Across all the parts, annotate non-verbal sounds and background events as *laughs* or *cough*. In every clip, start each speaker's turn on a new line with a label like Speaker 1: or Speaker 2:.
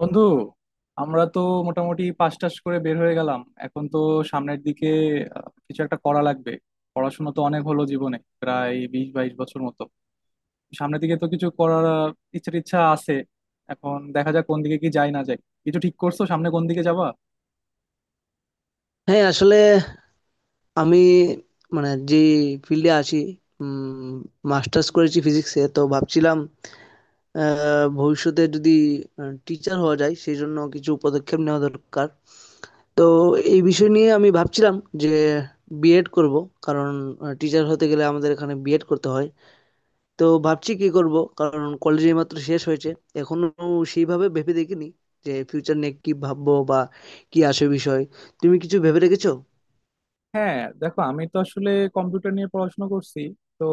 Speaker 1: বন্ধু, আমরা তো মোটামুটি পাশ টাশ করে বের হয়ে গেলাম। এখন তো সামনের দিকে কিছু একটা করা লাগবে। পড়াশোনা তো অনেক হলো জীবনে, প্রায় বিশ বাইশ বছর মতো। সামনের দিকে তো কিছু করার ইচ্ছা টিচ্ছা আছে। এখন দেখা যাক কোন দিকে কি যায় না যায়। কিছু ঠিক করছো সামনে কোন দিকে যাবা?
Speaker 2: হ্যাঁ, আসলে আমি মানে যে ফিল্ডে আছি, মাস্টার্স করেছি ফিজিক্সে। তো ভাবছিলাম ভবিষ্যতে যদি টিচার হওয়া যায় সেই জন্য কিছু পদক্ষেপ নেওয়া দরকার। তো এই বিষয় নিয়ে আমি ভাবছিলাম যে বিএড করব, কারণ টিচার হতে গেলে আমাদের এখানে বিএড করতে হয়। তো ভাবছি কি করব, কারণ কলেজে মাত্র শেষ হয়েছে। এখনো সেইভাবে ভেবে দেখিনি যে ফিউচার নিয়ে কি ভাববো বা কি আসে বিষয়। তুমি কিছু ভেবে রেখেছো?
Speaker 1: হ্যাঁ, দেখো, আমি তো আসলে কম্পিউটার নিয়ে পড়াশোনা করছি। তো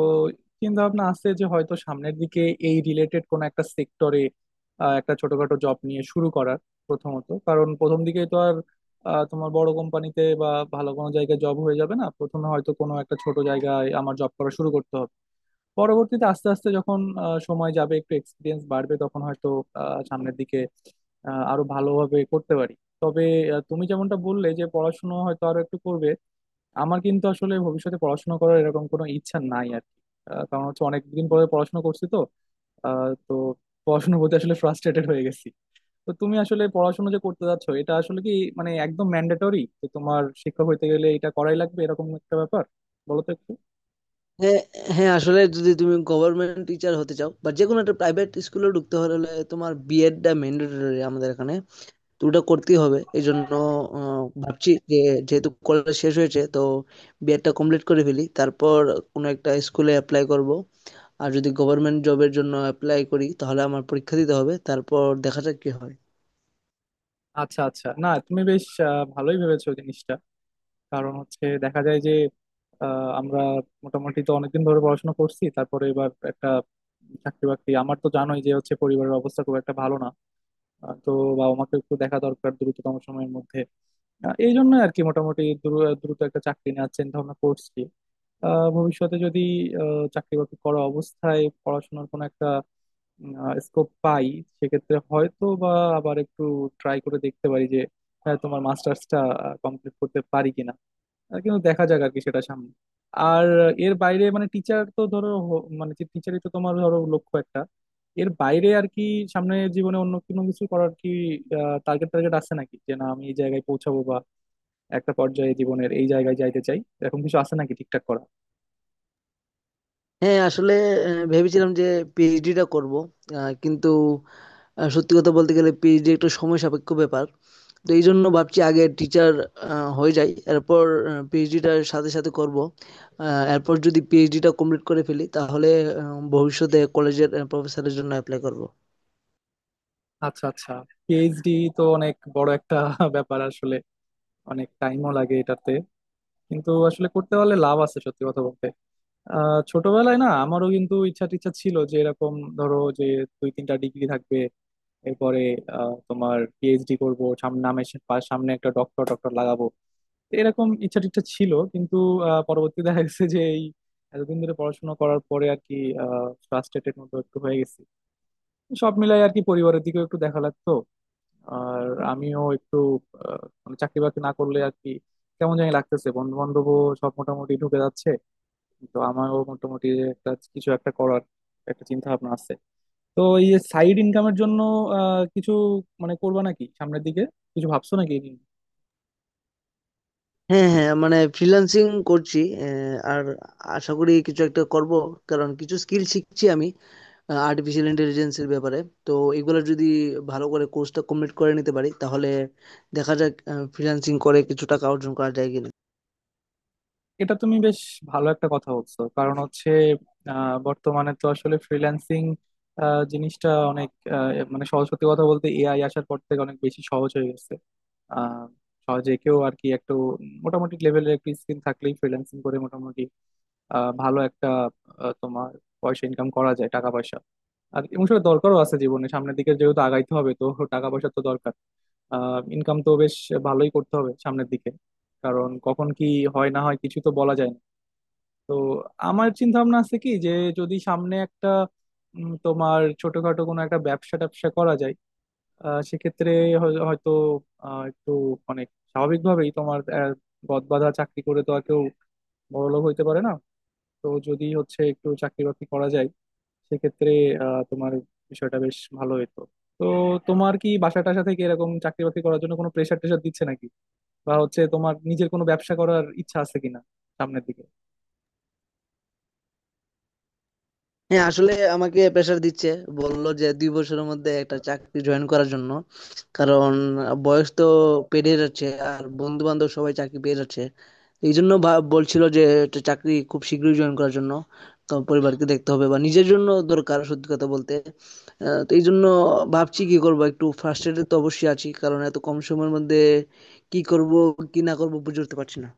Speaker 1: চিন্তা ভাবনা আছে যে হয়তো সামনের দিকে এই রিলেটেড কোন একটা সেক্টরে একটা ছোটখাটো জব নিয়ে শুরু করার। প্রথমত, কারণ প্রথম দিকেই তো আর তোমার বড় কোম্পানিতে বা ভালো কোনো জায়গায় জব হয়ে যাবে না। প্রথমে হয়তো কোনো একটা ছোট জায়গায় আমার জব করা শুরু করতে হবে। পরবর্তীতে, আস্তে আস্তে যখন সময় যাবে, একটু এক্সপিরিয়েন্স বাড়বে, তখন হয়তো সামনের দিকে আরো ভালোভাবে করতে পারি। তবে তুমি যেমনটা বললে যে পড়াশোনা হয়তো আরো একটু করবে। আমার কিন্তু আসলে ভবিষ্যতে পড়াশোনা করার এরকম কোনো ইচ্ছা নাই আর কি। কারণ হচ্ছে অনেকদিন পরে পড়াশোনা করছি তো। তো পড়াশোনার প্রতি আসলে ফ্রাস্ট্রেটেড হয়ে গেছি। তো তুমি আসলে পড়াশোনা যে করতে যাচ্ছ, এটা আসলে কি মানে একদম ম্যান্ডেটরি যে তোমার শিক্ষক হইতে গেলে এটা করাই লাগবে এরকম একটা ব্যাপার? বলো তো একটু।
Speaker 2: হ্যাঁ, হ্যাঁ আসলে যদি তুমি গভর্নমেন্ট টিচার হতে চাও বা যে কোনো একটা প্রাইভেট স্কুলে ঢুকতে হলে তোমার বিএডটা ম্যান্ডেটরি আমাদের এখানে। তো ওটা করতেই হবে। এই জন্য ভাবছি যে যেহেতু কলেজ শেষ হয়েছে, তো বিএডটা কমপ্লিট করে ফেলি, তারপর কোনো একটা স্কুলে অ্যাপ্লাই করব। আর যদি গভর্নমেন্ট জবের জন্য অ্যাপ্লাই করি তাহলে আমার পরীক্ষা দিতে হবে, তারপর দেখা যাক কি হয়।
Speaker 1: আচ্ছা, আচ্ছা, না তুমি বেশ ভালোই ভেবেছো জিনিসটা। কারণ হচ্ছে দেখা যায় যে আমরা মোটামুটি তো অনেকদিন ধরে পড়াশোনা করছি। তারপরে এবার একটা চাকরি বাকরি। আমার তো জানোই যে হচ্ছে পরিবারের অবস্থা খুব একটা ভালো না। তো বাবা মাকে একটু দেখা দরকার দ্রুততম সময়ের মধ্যে। এই জন্য আর কি মোটামুটি দ্রুত একটা চাকরি নেওয়ার চিন্তা ভাবনা করছি। ভবিষ্যতে যদি চাকরি বাকরি করা অবস্থায় পড়াশোনার কোনো একটা স্কোপ পাই, সেক্ষেত্রে হয়তো বা আবার একটু ট্রাই করে দেখতে পারি যে হ্যাঁ তোমার মাস্টার্সটা কমপ্লিট করতে পারি কিনা। আর কিন্তু দেখা যাক আর কি সেটা সামনে। আর এর বাইরে মানে টিচার তো ধরো মানে যে টিচারই তো তোমার ধরো লক্ষ্য একটা। এর বাইরে আর কি সামনের জীবনে অন্য কোনো কিছু করার কি টার্গেট টার্গেট আছে নাকি? যে না, আমি এই জায়গায় পৌঁছাবো বা একটা পর্যায়ে জীবনের এই জায়গায় যাইতে চাই এরকম কিছু আছে নাকি ঠিকঠাক করা?
Speaker 2: হ্যাঁ আসলে ভেবেছিলাম যে পিএইচডিটা করব, কিন্তু সত্যি কথা বলতে গেলে পিএইচডি একটু সময় সাপেক্ষ ব্যাপার। তো এই জন্য ভাবছি আগে টিচার হয়ে যাই, এরপর পিএইচডিটার সাথে সাথে করব। এরপর যদি পিএইচডিটা কমপ্লিট করে ফেলি তাহলে ভবিষ্যতে কলেজের প্রফেসরের জন্য অ্যাপ্লাই করব।
Speaker 1: আচ্ছা, আচ্ছা, পিএইচডি তো অনেক বড় একটা *laughs* ব্যাপার আসলে। অনেক টাইমও লাগে এটাতে। কিন্তু আসলে করতে পারলে লাভ আছে সত্যি কথা বলতে। ছোটবেলায় না আমারও কিন্তু ইচ্ছা টিচ্ছা ছিল, যে এরকম ধরো যে দুই তিনটা ডিগ্রি থাকবে, এরপরে তোমার পিএইচডি করবো, সামনে নামের সামনে একটা ডক্টর ডক্টর লাগাবো। এরকম ইচ্ছা টিচ্ছা ছিল। কিন্তু পরবর্তীতে দেখা গেছে যে এই এতদিন ধরে পড়াশোনা করার পরে আর কি ফ্রাস্ট্রেটেড মতো একটু হয়ে গেছি। সব মিলাই আর কি পরিবারের দিকেও একটু দেখা লাগতো। আর আমিও একটু মানে চাকরি বাকরি না করলে আর কি কেমন জানি লাগতেছে। বন্ধু বান্ধবও সব মোটামুটি ঢুকে যাচ্ছে। তো আমারও মোটামুটি একটা কিছু একটা করার একটা চিন্তা ভাবনা আছে। তো এই যে সাইড ইনকামের জন্য কিছু মানে করবা নাকি সামনের দিকে? কিছু ভাবছো নাকি এই নিয়ে?
Speaker 2: হ্যাঁ, হ্যাঁ মানে ফ্রিল্যান্সিং করছি। আর আশা করি কিছু একটা করব, কারণ কিছু স্কিল শিখছি আমি আর্টিফিশিয়াল ইন্টেলিজেন্সের ব্যাপারে। তো এগুলো যদি ভালো করে কোর্সটা কমপ্লিট করে নিতে পারি তাহলে দেখা যাক ফ্রিল্যান্সিং করে কিছু টাকা অর্জন করা যায় কিনা।
Speaker 1: এটা তুমি বেশ ভালো একটা কথা বলছো, কারণ হচ্ছে বর্তমানে তো আসলে ফ্রিল্যান্সিং জিনিসটা অনেক মানে সহজ সত্যি কথা বলতে এআই আসার পর থেকে অনেক বেশি সহজ হয়ে গেছে। আহ সহজে কেউ আর কি একটু মোটামুটি লেভেলের একটু স্কিল থাকলেই ফ্রিল্যান্সিং করে মোটামুটি ভালো একটা তোমার পয়সা ইনকাম করা যায় টাকা পয়সা। আর এবং সেটা দরকারও আছে জীবনে, সামনের দিকে যেহেতু আগাইতে হবে তো টাকা পয়সা তো দরকার। ইনকাম তো বেশ ভালোই করতে হবে সামনের দিকে, কারণ কখন কি হয় না হয় কিছু তো বলা যায় না। তো আমার চিন্তা ভাবনা আছে কি যে যদি সামনে একটা তোমার ছোটখাটো কোনো একটা ব্যবসা ট্যাবসা করা যায়, সেক্ষেত্রে হয়তো একটু মানে স্বাভাবিকভাবেই তোমার গদ বাঁধা চাকরি করে তো আর কেউ বড়লোক হইতে পারে না। তো যদি হচ্ছে একটু চাকরি বাকরি করা যায় সেক্ষেত্রে তোমার বিষয়টা বেশ ভালো হতো। তো তোমার কি বাসা টাসা থেকে এরকম চাকরি বাকরি করার জন্য কোনো প্রেশার টেশার দিচ্ছে নাকি? বা হচ্ছে তোমার নিজের কোনো ব্যবসা করার ইচ্ছা আছে কিনা সামনের দিকে?
Speaker 2: হ্যাঁ, আসলে আমাকে প্রেশার দিচ্ছে। বললো যে ২ বছরের মধ্যে একটা চাকরি জয়েন করার জন্য। কারণ বয়স তো পেরিয়ে যাচ্ছে, আর বন্ধু-বান্ধব সবাই চাকরি পেয়ে যাচ্ছে। এইজন্য ভা বলছিল যে একটা চাকরি খুব শীঘ্রই জয়েন করার জন্য। তো পরিবারকে দেখতে হবে বা নিজের জন্য দরকার সত্যি কথা বলতে। তো এইজন্য ভাবছি কি করব, একটু ফ্রাস্ট্রেটেড তো অবশ্যই আছি। কারণ এত কম সময়ের মধ্যে কি করব, কি না করব বুঝে উঠতে পারছি না।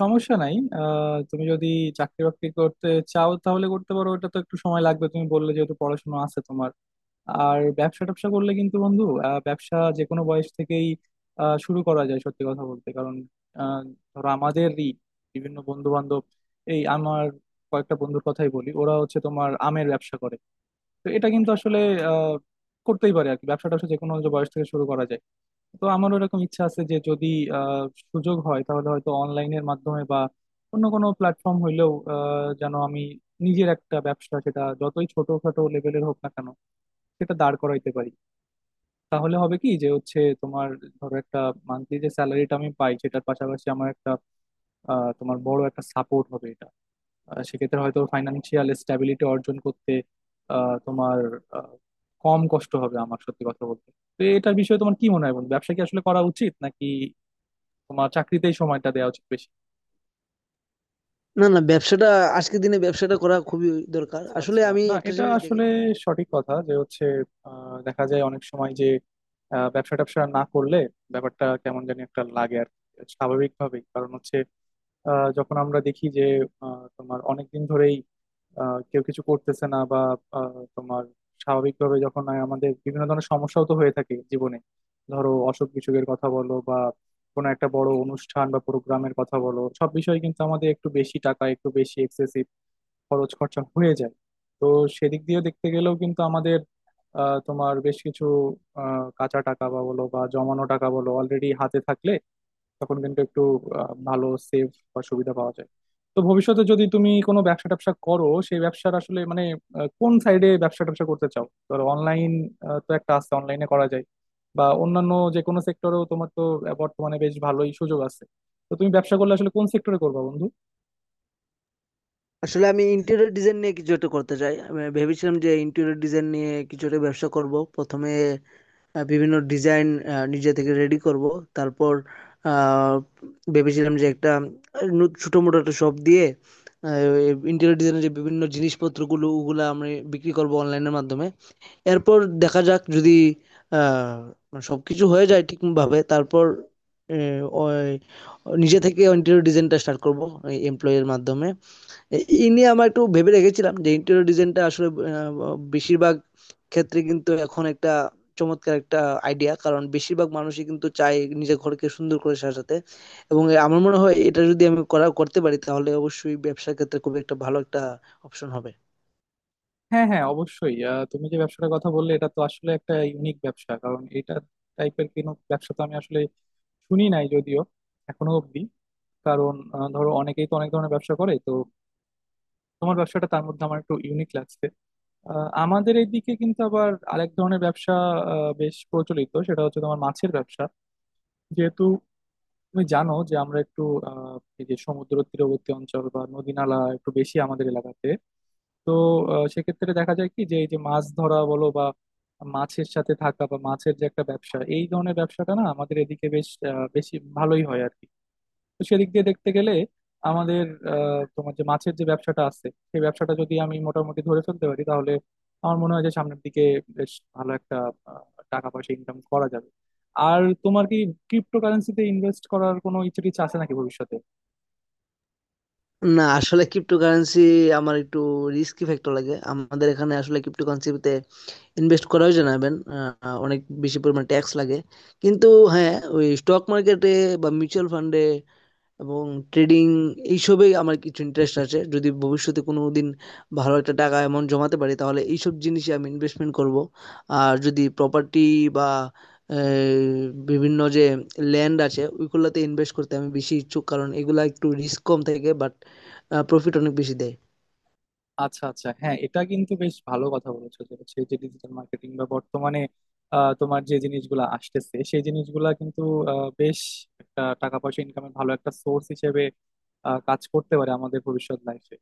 Speaker 1: সমস্যা নাই। তুমি যদি চাকরি বাকরি করতে চাও তাহলে করতে পারো। ওটা তো একটু সময় লাগবে তুমি বললে, যেহেতু পড়াশোনা আছে তোমার। আর ব্যবসা ট্যাবসা করলে কিন্তু বন্ধু, ব্যবসা যে কোনো বয়স থেকেই শুরু করা যায় সত্যি কথা বলতে। কারণ আহ, ধরো আমাদেরই বিভিন্ন বন্ধু বান্ধব, এই আমার কয়েকটা বন্ধুর কথাই বলি, ওরা হচ্ছে তোমার আমের ব্যবসা করে। তো এটা কিন্তু আসলে আহ, করতেই পারে আর কি, ব্যবসা ট্যাবসা যে কোনো বয়স থেকে শুরু করা যায়। তো আমারও এরকম ইচ্ছা আছে যে যদি আহ, সুযোগ হয় তাহলে হয়তো অনলাইনের মাধ্যমে বা অন্য কোনো প্ল্যাটফর্ম হইলেও যেন আমি নিজের একটা ব্যবসা, সেটা যতই ছোটখাটো লেভেলের হোক না কেন, সেটা দাঁড় করাইতে পারি। তাহলে হবে কি যে হচ্ছে তোমার ধরো একটা মান্থলি যে স্যালারিটা আমি পাই সেটার পাশাপাশি আমার একটা তোমার বড় একটা সাপোর্ট হবে এটা। সেক্ষেত্রে হয়তো ফাইন্যান্সিয়াল স্ট্যাবিলিটি অর্জন করতে তোমার আহ, কম কষ্ট হবে আমার সত্যি কথা বলতে। তো এটার বিষয়ে তোমার কি মনে হয় বন্ধু? ব্যবসা কি আসলে করা উচিত নাকি তোমার চাকরিতেই সময়টা দেওয়া উচিত বেশি?
Speaker 2: না, না ব্যবসাটা, আজকের দিনে ব্যবসাটা করা খুবই দরকার।
Speaker 1: আচ্ছা,
Speaker 2: আসলে
Speaker 1: আচ্ছা,
Speaker 2: আমি
Speaker 1: না
Speaker 2: একটা
Speaker 1: এটা
Speaker 2: জিনিস
Speaker 1: আসলে
Speaker 2: দেখেছি।
Speaker 1: সঠিক কথা যে হচ্ছে দেখা যায় অনেক সময় যে ব্যবসা ট্যাবসা না করলে ব্যাপারটা কেমন জানি একটা লাগে আর কি। স্বাভাবিকভাবেই কারণ হচ্ছে যখন আমরা দেখি যে তোমার অনেক দিন ধরেই কেউ কিছু করতেছে না বা তোমার স্বাভাবিকভাবে যখন আয় আমাদের বিভিন্ন ধরনের সমস্যাও তো হয়ে থাকে জীবনে। ধরো, অসুখ বিসুখের কথা বলো বা কোনো একটা বড় অনুষ্ঠান বা প্রোগ্রামের কথা বলো, সব বিষয়ে কিন্তু আমাদের একটু বেশি টাকা, একটু বেশি এক্সেসিভ খরচ খরচা হয়ে যায়। তো সেদিক দিয়ে দেখতে গেলেও কিন্তু আমাদের তোমার বেশ কিছু কাঁচা টাকা বা বলো বা জমানো টাকা বলো অলরেডি হাতে থাকলে, তখন কিন্তু একটু ভালো সেফ বা সুবিধা পাওয়া যায়। তো ভবিষ্যতে যদি তুমি কোনো ব্যবসা ট্যাবসা করো সেই ব্যবসার আসলে মানে কোন সাইডে ব্যবসা ট্যাবসা করতে চাও? ধরো, অনলাইন। তো একটা আছে অনলাইনে করা যায় বা অন্যান্য যে কোনো সেক্টরেও তোমার তো বর্তমানে বেশ ভালোই সুযোগ আছে। তো তুমি ব্যবসা করলে আসলে কোন সেক্টরে করবা বন্ধু?
Speaker 2: আসলে আমি ইন্টেরিয়র ডিজাইন নিয়ে কিছু একটা করতে চাই। আমি ভেবেছিলাম যে ইন্টেরিয়র ডিজাইন নিয়ে কিছু একটা ব্যবসা করব। প্রথমে বিভিন্ন ডিজাইন নিজে থেকে রেডি করব। তারপর আ ভেবেছিলাম যে একটা আ নু ছোটমোটো একটা শপ দিয়ে আ ইন্টেরিয়র ডিজাইনের যে বিভিন্ন জিনিসপত্রগুলো ওগুলা আমি বিক্রি করব অনলাইনের মাধ্যমে। এরপর দেখা যাক যদি আ সবকিছু হয়ে যায় ঠিকভাবে, তারপর এ ওই নিজে থেকে ইন্টেরিয়র ডিজাইনটা স্টার্ট করব এমপ্লয়ি এর মাধ্যমে। এ এই নিয়ে আমরা একটু ভেবে রেখেছিলাম যে ইন্টেরিয়র ডিজাইনটা আসলে বেশিরভাগ ক্ষেত্রে কিন্তু এখন একটা চমৎকার একটা আইডিয়া, কারণ বেশিরভাগ মানুষই কিন্তু চায় নিজের ঘরকে সুন্দর করে সাজাতে। এবং আমার মনে হয় এটা যদি আমি করতে পারি তাহলে অবশ্যই ব্যবসার ক্ষেত্রে খুব একটা ভালো একটা অপশন হবে।
Speaker 1: হ্যাঁ, হ্যাঁ, অবশ্যই। তুমি যে ব্যবসাটার কথা বললে, এটা তো আসলে একটা ইউনিক ব্যবসা। কারণ এটা টাইপের কোনো ব্যবসা তো আমি আসলে শুনি নাই যদিও এখনো অব্দি। কারণ ধরো অনেকেই তো অনেক ধরনের ব্যবসা করে, তো তোমার ব্যবসাটা তার মধ্যে আমার একটু ইউনিক লাগছে। আমাদের এইদিকে কিন্তু আবার আরেক ধরনের ব্যবসা বেশ প্রচলিত, সেটা হচ্ছে তোমার মাছের ব্যবসা। যেহেতু তুমি জানো যে আমরা একটু আহ, এই যে সমুদ্র তীরবর্তী অঞ্চল বা নদী নালা একটু বেশি আমাদের এলাকাতে। তো সেক্ষেত্রে দেখা যায় কি যে এই যে মাছ ধরা বলো বা মাছের সাথে থাকা বা মাছের যে একটা ব্যবসা, এই ধরনের ব্যবসাটা না আমাদের এদিকে বেশ বেশি ভালোই হয় আর কি। তো সেদিক দিয়ে দেখতে গেলে আমাদের তোমার যে মাছের যে ব্যবসাটা আছে সেই ব্যবসাটা যদি আমি মোটামুটি ধরে ফেলতে পারি তাহলে আমার মনে হয় যে সামনের দিকে বেশ ভালো একটা আহ, টাকা পয়সা ইনকাম করা যাবে। আর তোমার কি ক্রিপ্টো কারেন্সিতে ইনভেস্ট করার কোনো ইচ্ছে টিচ্ছে আছে নাকি ভবিষ্যতে?
Speaker 2: না, আসলে ক্রিপ্টোকারেন্সি আমার একটু রিস্কি ফ্যাক্টর লাগে। আমাদের এখানে আসলে ক্রিপ্টোকারেন্সিতে ইনভেস্ট করাও জানাবেন অনেক বেশি পরিমাণ ট্যাক্স লাগে। কিন্তু হ্যাঁ, ওই স্টক মার্কেটে বা মিউচুয়াল ফান্ডে এবং ট্রেডিং এইসবেই আমার কিছু ইন্টারেস্ট আছে। যদি ভবিষ্যতে কোনো দিন ভালো একটা টাকা অ্যামাউন্ট জমাতে পারি তাহলে এইসব জিনিসে আমি ইনভেস্টমেন্ট করব। আর যদি প্রপার্টি বা আহ, বিভিন্ন যে ল্যান্ড আছে ওইগুলোতে ইনভেস্ট করতে আমি বেশি ইচ্ছুক, কারণ এগুলা একটু রিস্ক কম থাকে বাট প্রফিট অনেক বেশি দেয়।
Speaker 1: আচ্ছা, আচ্ছা, হ্যাঁ এটা কিন্তু বেশ ভালো কথা বলেছো যে হচ্ছে যে ডিজিটাল মার্কেটিং বা বর্তমানে তোমার যে জিনিসগুলো আসতেছে সেই জিনিসগুলা কিন্তু বেশ একটা টাকা পয়সা ইনকামের ভালো একটা সোর্স হিসেবে কাজ করতে পারে আমাদের ভবিষ্যৎ লাইফে।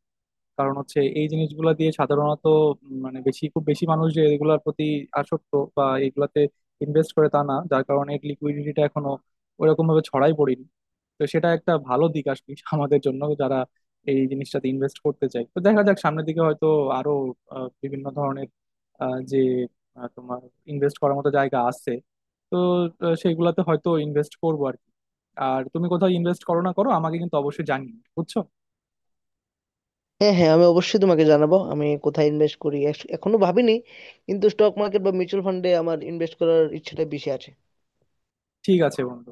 Speaker 1: কারণ হচ্ছে এই জিনিসগুলো দিয়ে সাধারণত মানে বেশি খুব বেশি মানুষ যে এগুলোর প্রতি আসক্ত বা এগুলাতে ইনভেস্ট করে তা না, যার কারণে লিকুইডিটিটা এখনো ওরকম ভাবে ছড়াই পড়েনি। তো সেটা একটা ভালো দিক আসলে *laughs* আমাদের জন্য যারা এই জিনিসটাতে ইনভেস্ট করতে চায়। তো দেখা যাক সামনের দিকে হয়তো আরো বিভিন্ন ধরনের যে তোমার ইনভেস্ট করার মতো জায়গা আছে। তো সেইগুলাতে হয়তো ইনভেস্ট করবো আর কি। আর তুমি কোথাও ইনভেস্ট করো না করো, আমাকে কিন্তু অবশ্যই জানিও, বুঝছো?
Speaker 2: হ্যাঁ, হ্যাঁ আমি অবশ্যই তোমাকে জানাবো আমি কোথায় ইনভেস্ট করি। এখনো ভাবিনি, কিন্তু স্টক মার্কেট বা মিউচুয়াল ফান্ডে আমার ইনভেস্ট করার ইচ্ছাটা বেশি আছে।
Speaker 1: ঠিক আছে বন্ধু।